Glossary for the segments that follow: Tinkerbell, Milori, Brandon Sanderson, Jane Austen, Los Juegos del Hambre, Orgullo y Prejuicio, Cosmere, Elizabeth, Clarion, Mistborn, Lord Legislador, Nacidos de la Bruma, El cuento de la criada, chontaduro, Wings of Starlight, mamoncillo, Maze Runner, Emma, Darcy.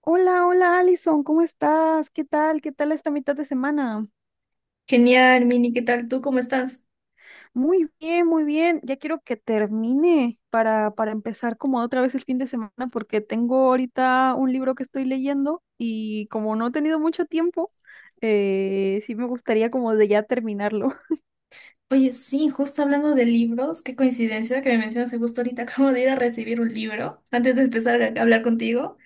Hola, hola Alison, ¿cómo estás? ¿Qué tal? ¿Qué tal esta mitad de semana? Genial, Mini, ¿qué tal tú? ¿Cómo estás? Muy bien, muy bien. Ya quiero que termine para empezar como otra vez el fin de semana porque tengo ahorita un libro que estoy leyendo y como no he tenido mucho tiempo, sí me gustaría como de ya terminarlo. Oye, sí, justo hablando de libros, qué coincidencia que me mencionas que justo ahorita acabo de ir a recibir un libro antes de empezar a hablar contigo.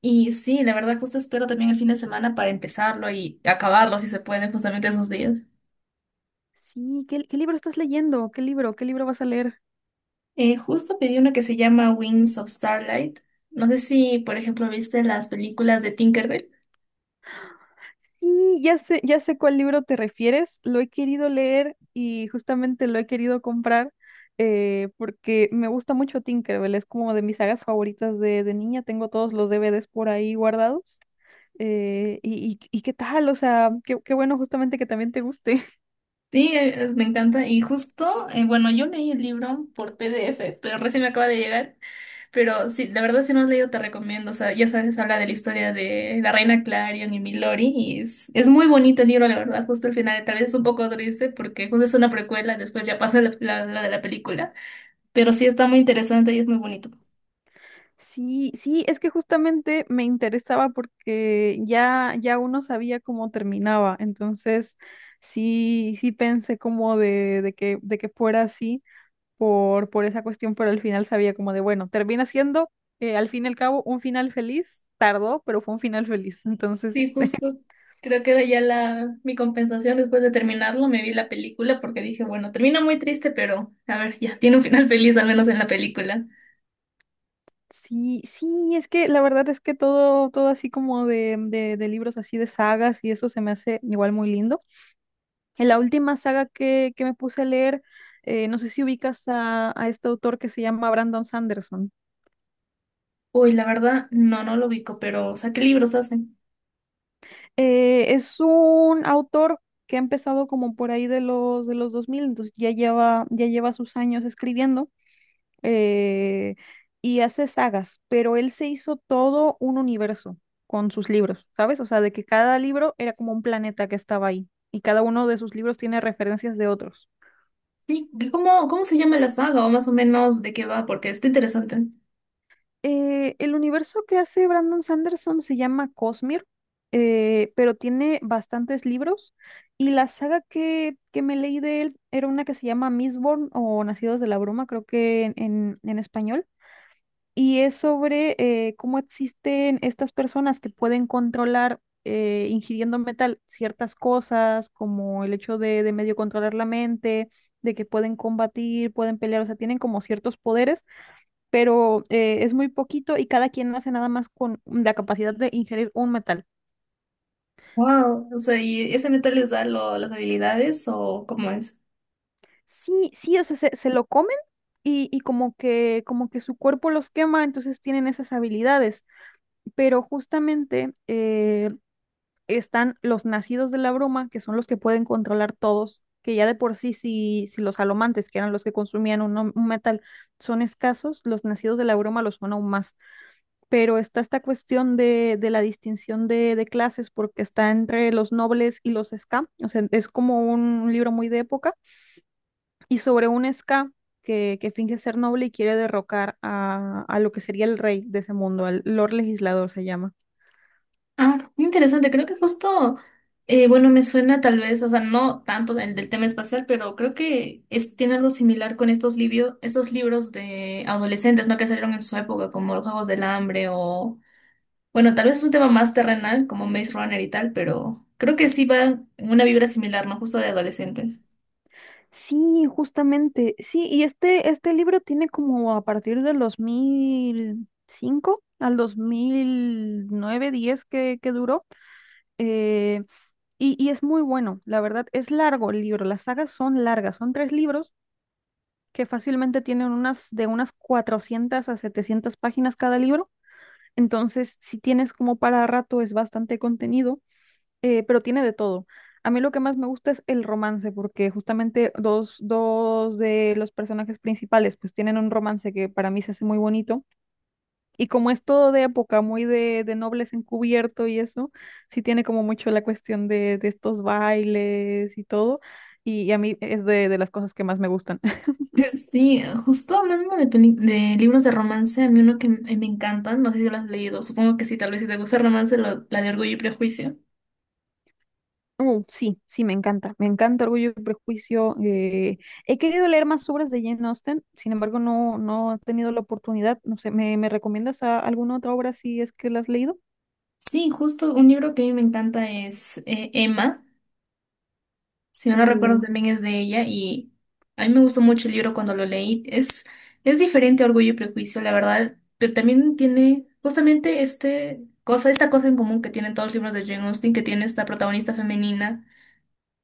Y sí, la verdad, justo espero también el fin de semana para empezarlo y acabarlo si se puede, justamente esos días. Sí, ¿qué libro estás leyendo? ¿Qué libro? ¿Qué libro vas a leer? Justo pedí uno que se llama Wings of Starlight. No sé si, por ejemplo, viste las películas de Tinkerbell. Sí, ya sé cuál libro te refieres. Lo he querido leer y justamente lo he querido comprar porque me gusta mucho Tinkerbell. Es como de mis sagas favoritas de niña. Tengo todos los DVDs por ahí guardados. Y qué tal, o sea, qué bueno justamente que también te guste. Sí, me encanta. Y justo, bueno, yo leí el libro por PDF, pero recién me acaba de llegar. Pero sí, la verdad, si no has leído, te recomiendo. O sea, ya sabes, habla de la historia de la reina Clarion y Milori. Y es muy bonito el libro, la verdad. Justo el final, tal vez es un poco triste porque justo es una precuela, después ya pasa la de la película. Pero sí está muy interesante y es muy bonito. Sí, sí, es que justamente me interesaba porque ya, ya uno sabía cómo terminaba. Entonces, sí, sí pensé como de que fuera así. Por esa cuestión, pero al final sabía como de, bueno, termina siendo, al fin y al cabo, un final feliz. Tardó, pero fue un final feliz. Entonces, Sí, justo. Creo que era ya la, mi compensación después de terminarlo. Me vi la película porque dije, bueno, termina muy triste, pero a ver, ya tiene un final feliz, al menos en la película. sí, sí, es que la verdad es que todo, todo así como de libros así de sagas y eso se me hace igual muy lindo. En la última saga que me puse a leer, no sé si ubicas a este autor que se llama Brandon Sanderson. Uy, la verdad, no, no lo ubico, pero o sea, ¿qué libros hacen? Es un autor que ha empezado como por ahí de los dos mil. Entonces ya lleva sus años escribiendo. eh, y hace sagas, pero él se hizo todo un universo con sus libros, ¿sabes? O sea, de que cada libro era como un planeta que estaba ahí y cada uno de sus libros tiene referencias de otros. Sí, ¿y cómo, cómo se llama la saga o más o menos de qué va? Porque está interesante. El universo que hace Brandon Sanderson se llama Cosmere, pero tiene bastantes libros y la saga que me leí de él era una que se llama Mistborn o Nacidos de la Bruma, creo que en español, y es sobre cómo existen estas personas que pueden controlar, ingiriendo metal, ciertas cosas, como el hecho de medio controlar la mente, de que pueden combatir, pueden pelear, o sea, tienen como ciertos poderes, pero es muy poquito y cada quien hace nada más con la capacidad de ingerir un metal. Wow, o sea, ¿y ese metal les da las habilidades o cómo es? Sí, sí, o sea, se lo comen y como que su cuerpo los quema, entonces tienen esas habilidades, pero justamente están los nacidos de la bruma, que son los que pueden controlar todos, que ya de por sí, si, si los alomantes, que eran los que consumían un metal, son escasos, los nacidos de la bruma los son aún más. Pero está esta cuestión de la distinción clases, porque está entre los nobles y los ska, o sea, es como un libro muy de época, y sobre un ska finge ser noble y quiere derrocar a lo que sería el rey de ese mundo, al Lord Legislador se llama. Ah, muy interesante, creo que justo, bueno, me suena tal vez, o sea, no tanto del tema espacial, pero creo que es, tiene algo similar con estos, estos libros de adolescentes, ¿no? Que salieron en su época, como Los Juegos del Hambre o, bueno, tal vez es un tema más terrenal, como Maze Runner y tal, pero creo que sí va en una vibra similar, ¿no? Justo de adolescentes. Sí, justamente. Sí, y este libro tiene como a partir del 2005 al 2009 10 que duró. eh, y, y es muy bueno, la verdad. Es largo el libro. Las sagas son largas. Son tres libros que fácilmente tienen unas de unas 400 a 700 páginas cada libro. Entonces, si tienes como para rato, es bastante contenido, pero tiene de todo. A mí lo que más me gusta es el romance, porque justamente dos, dos de los personajes principales pues tienen un romance que para mí se hace muy bonito. Y como es todo de época, muy de nobles encubierto y eso, sí tiene como mucho la cuestión de estos bailes y todo. Y a mí es de las cosas que más me gustan. Sí, justo hablando de, de libros de romance, a mí uno que me encantan, no sé si lo has leído, supongo que sí, tal vez si te gusta el romance, la de Orgullo y Prejuicio. Sí, sí, me encanta. Me encanta Orgullo y Prejuicio. He querido leer más obras de Jane Austen, sin embargo, no, no he tenido la oportunidad. No sé, ¿me recomiendas alguna otra obra si es que la has leído? Sí, justo un libro que a mí me encanta es Emma, si no lo recuerdo Uh, también es de ella, y a mí me gustó mucho el libro cuando lo leí. Es diferente a Orgullo y Prejuicio, la verdad, pero también tiene justamente esta cosa en común que tienen todos los libros de Jane Austen, que tiene esta protagonista femenina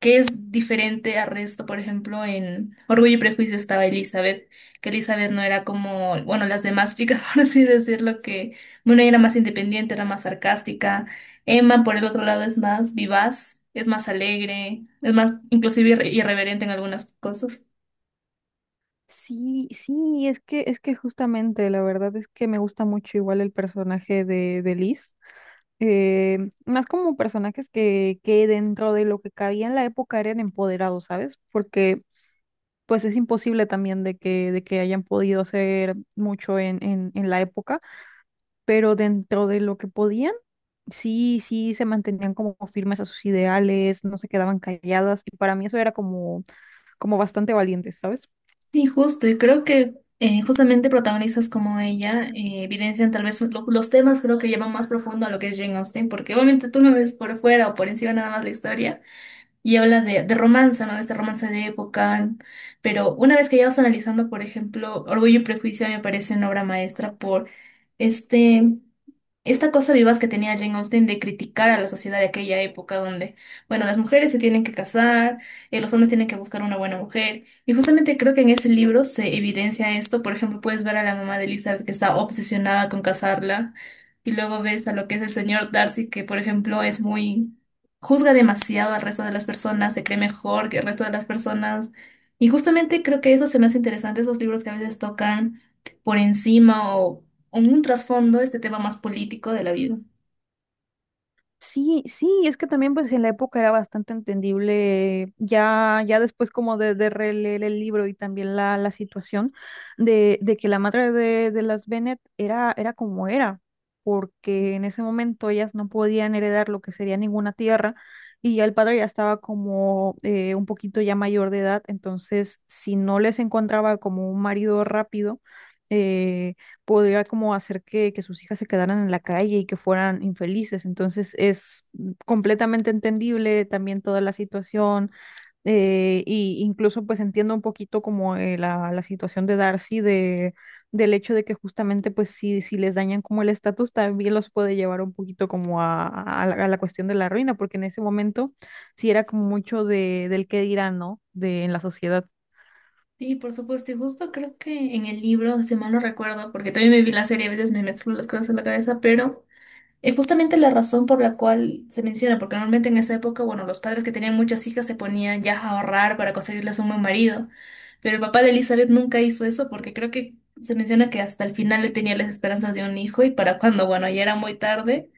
que es diferente al resto. Por ejemplo, en Orgullo y Prejuicio estaba Elizabeth, que Elizabeth no era como, bueno, las demás chicas, por así decirlo, que, bueno, ella era más independiente, era más sarcástica. Emma, por el otro lado, es más vivaz, es más alegre, es más inclusive irreverente en algunas cosas. sí, sí, es que justamente la verdad es que me gusta mucho igual el personaje de Liz. Más como personajes que dentro de lo que cabía en la época eran empoderados, ¿sabes? Porque pues es imposible también de que hayan podido hacer mucho en la época, pero dentro de lo que podían, sí, sí se mantenían como firmes a sus ideales, no se quedaban calladas, y para mí eso era como, como bastante valiente, ¿sabes? Sí, justo, y creo que justamente protagonistas como ella evidencian tal vez los temas creo que llevan más profundo a lo que es Jane Austen, porque obviamente tú no ves por fuera o por encima nada más la historia, y habla de romance, ¿no? De este romance de época. Pero una vez que ya vas analizando, por ejemplo, Orgullo y Prejuicio a mí me parece una obra maestra por este esta cosa vivaz que tenía Jane Austen de criticar a la sociedad de aquella época donde, bueno, las mujeres se tienen que casar, los hombres tienen que buscar una buena mujer. Y justamente creo que en ese libro se evidencia esto. Por ejemplo, puedes ver a la mamá de Elizabeth que está obsesionada con casarla. Y luego ves a lo que es el señor Darcy, que por ejemplo es muy... juzga demasiado al resto de las personas, se cree mejor que el resto de las personas. Y justamente creo que eso se me hace interesante, esos libros que a veces tocan por encima o en un trasfondo este tema más político de la vida. Sí, sí, es que también pues en la época era bastante entendible, ya, ya después como de releer el libro y también la situación de que la madre de las Bennet era, era como era, porque en ese momento ellas no podían heredar lo que sería ninguna tierra y ya el padre ya estaba como un poquito ya mayor de edad, entonces si no les encontraba como un marido rápido, eh, podía como hacer que sus hijas se quedaran en la calle y que fueran infelices. Entonces es completamente entendible también toda la situación, y incluso pues entiendo un poquito como la situación de Darcy, de del hecho de que justamente pues si, si les dañan como el estatus también los puede llevar un poquito como a la cuestión de la ruina, porque en ese momento sí era como mucho de, del qué dirán, ¿no?, De, en la sociedad. Sí, por supuesto, y justo creo que en el libro, si mal no recuerdo, porque también me vi la serie, a veces me mezclo las cosas en la cabeza, pero es justamente la razón por la cual se menciona, porque normalmente en esa época, bueno, los padres que tenían muchas hijas se ponían ya a ahorrar para conseguirles un buen marido, pero el papá de Elizabeth nunca hizo eso porque creo que se menciona que hasta el final le tenía las esperanzas de un hijo y para cuando, bueno, ya era muy tarde,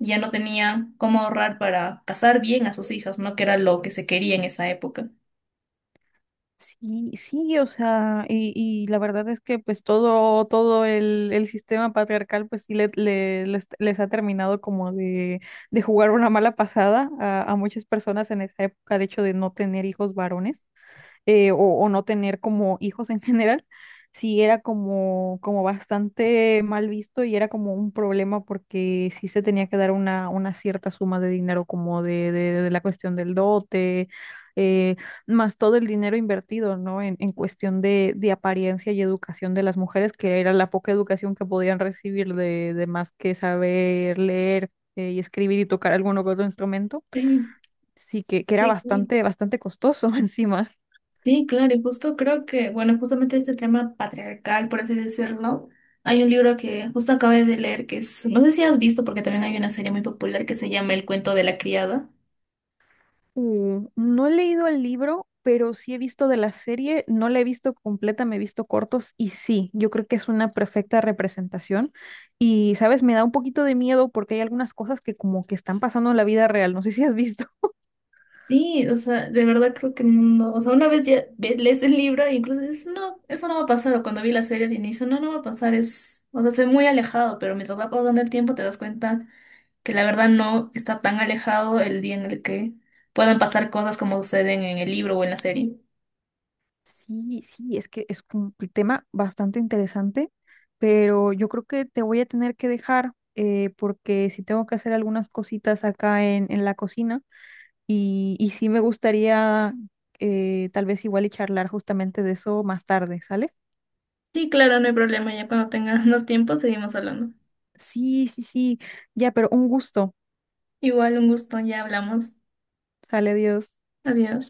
ya no tenía cómo ahorrar para casar bien a sus hijas, ¿no? Que era lo que se quería en esa época. Sí, sí, o sea, y la verdad es que pues todo, todo el sistema patriarcal pues sí le, les ha terminado como de jugar una mala pasada a muchas personas en esa época, de hecho de no tener hijos varones, o no tener como hijos en general, sí era como, como bastante mal visto y era como un problema porque sí se tenía que dar una cierta suma de dinero como de la cuestión del dote, eh, más todo el dinero invertido, ¿no?, en cuestión de apariencia y educación de las mujeres, que era la poca educación que podían recibir de más que saber leer, y escribir y tocar alguno que otro instrumento, Sí, sí que era sí, sí. bastante, bastante costoso encima. Sí, claro, y justo creo que, bueno, justamente este tema patriarcal, por así decirlo, hay un libro que justo acabé de leer que es, no sé si has visto, porque también hay una serie muy popular que se llama El cuento de la criada. No he leído el libro, pero sí he visto de la serie, no la he visto completa, me he visto cortos y sí, yo creo que es una perfecta representación. Y, sabes, me da un poquito de miedo porque hay algunas cosas que como que están pasando en la vida real, no sé si has visto. Sí, o sea, de verdad creo que no, o sea, una vez ya lees el libro e incluso dices, no, eso no va a pasar, o cuando vi la serie al inicio, no, no va a pasar, es, o sea, se ve muy alejado, pero mientras va pasando el tiempo te das cuenta que la verdad no está tan alejado el día en el que puedan pasar cosas como suceden en el libro o en la serie. Sí, sí, es que es un tema bastante interesante, pero yo creo que te voy a tener que dejar, porque si tengo que hacer algunas cositas acá en la cocina. Y sí me gustaría, tal vez igual y charlar justamente de eso más tarde, ¿sale? Sí, claro, no hay problema. Ya cuando tengas los tiempos seguimos hablando. Sí, sí, sí, ya, pero un gusto. Igual, un gusto, ya hablamos. Sale, Dios. Adiós.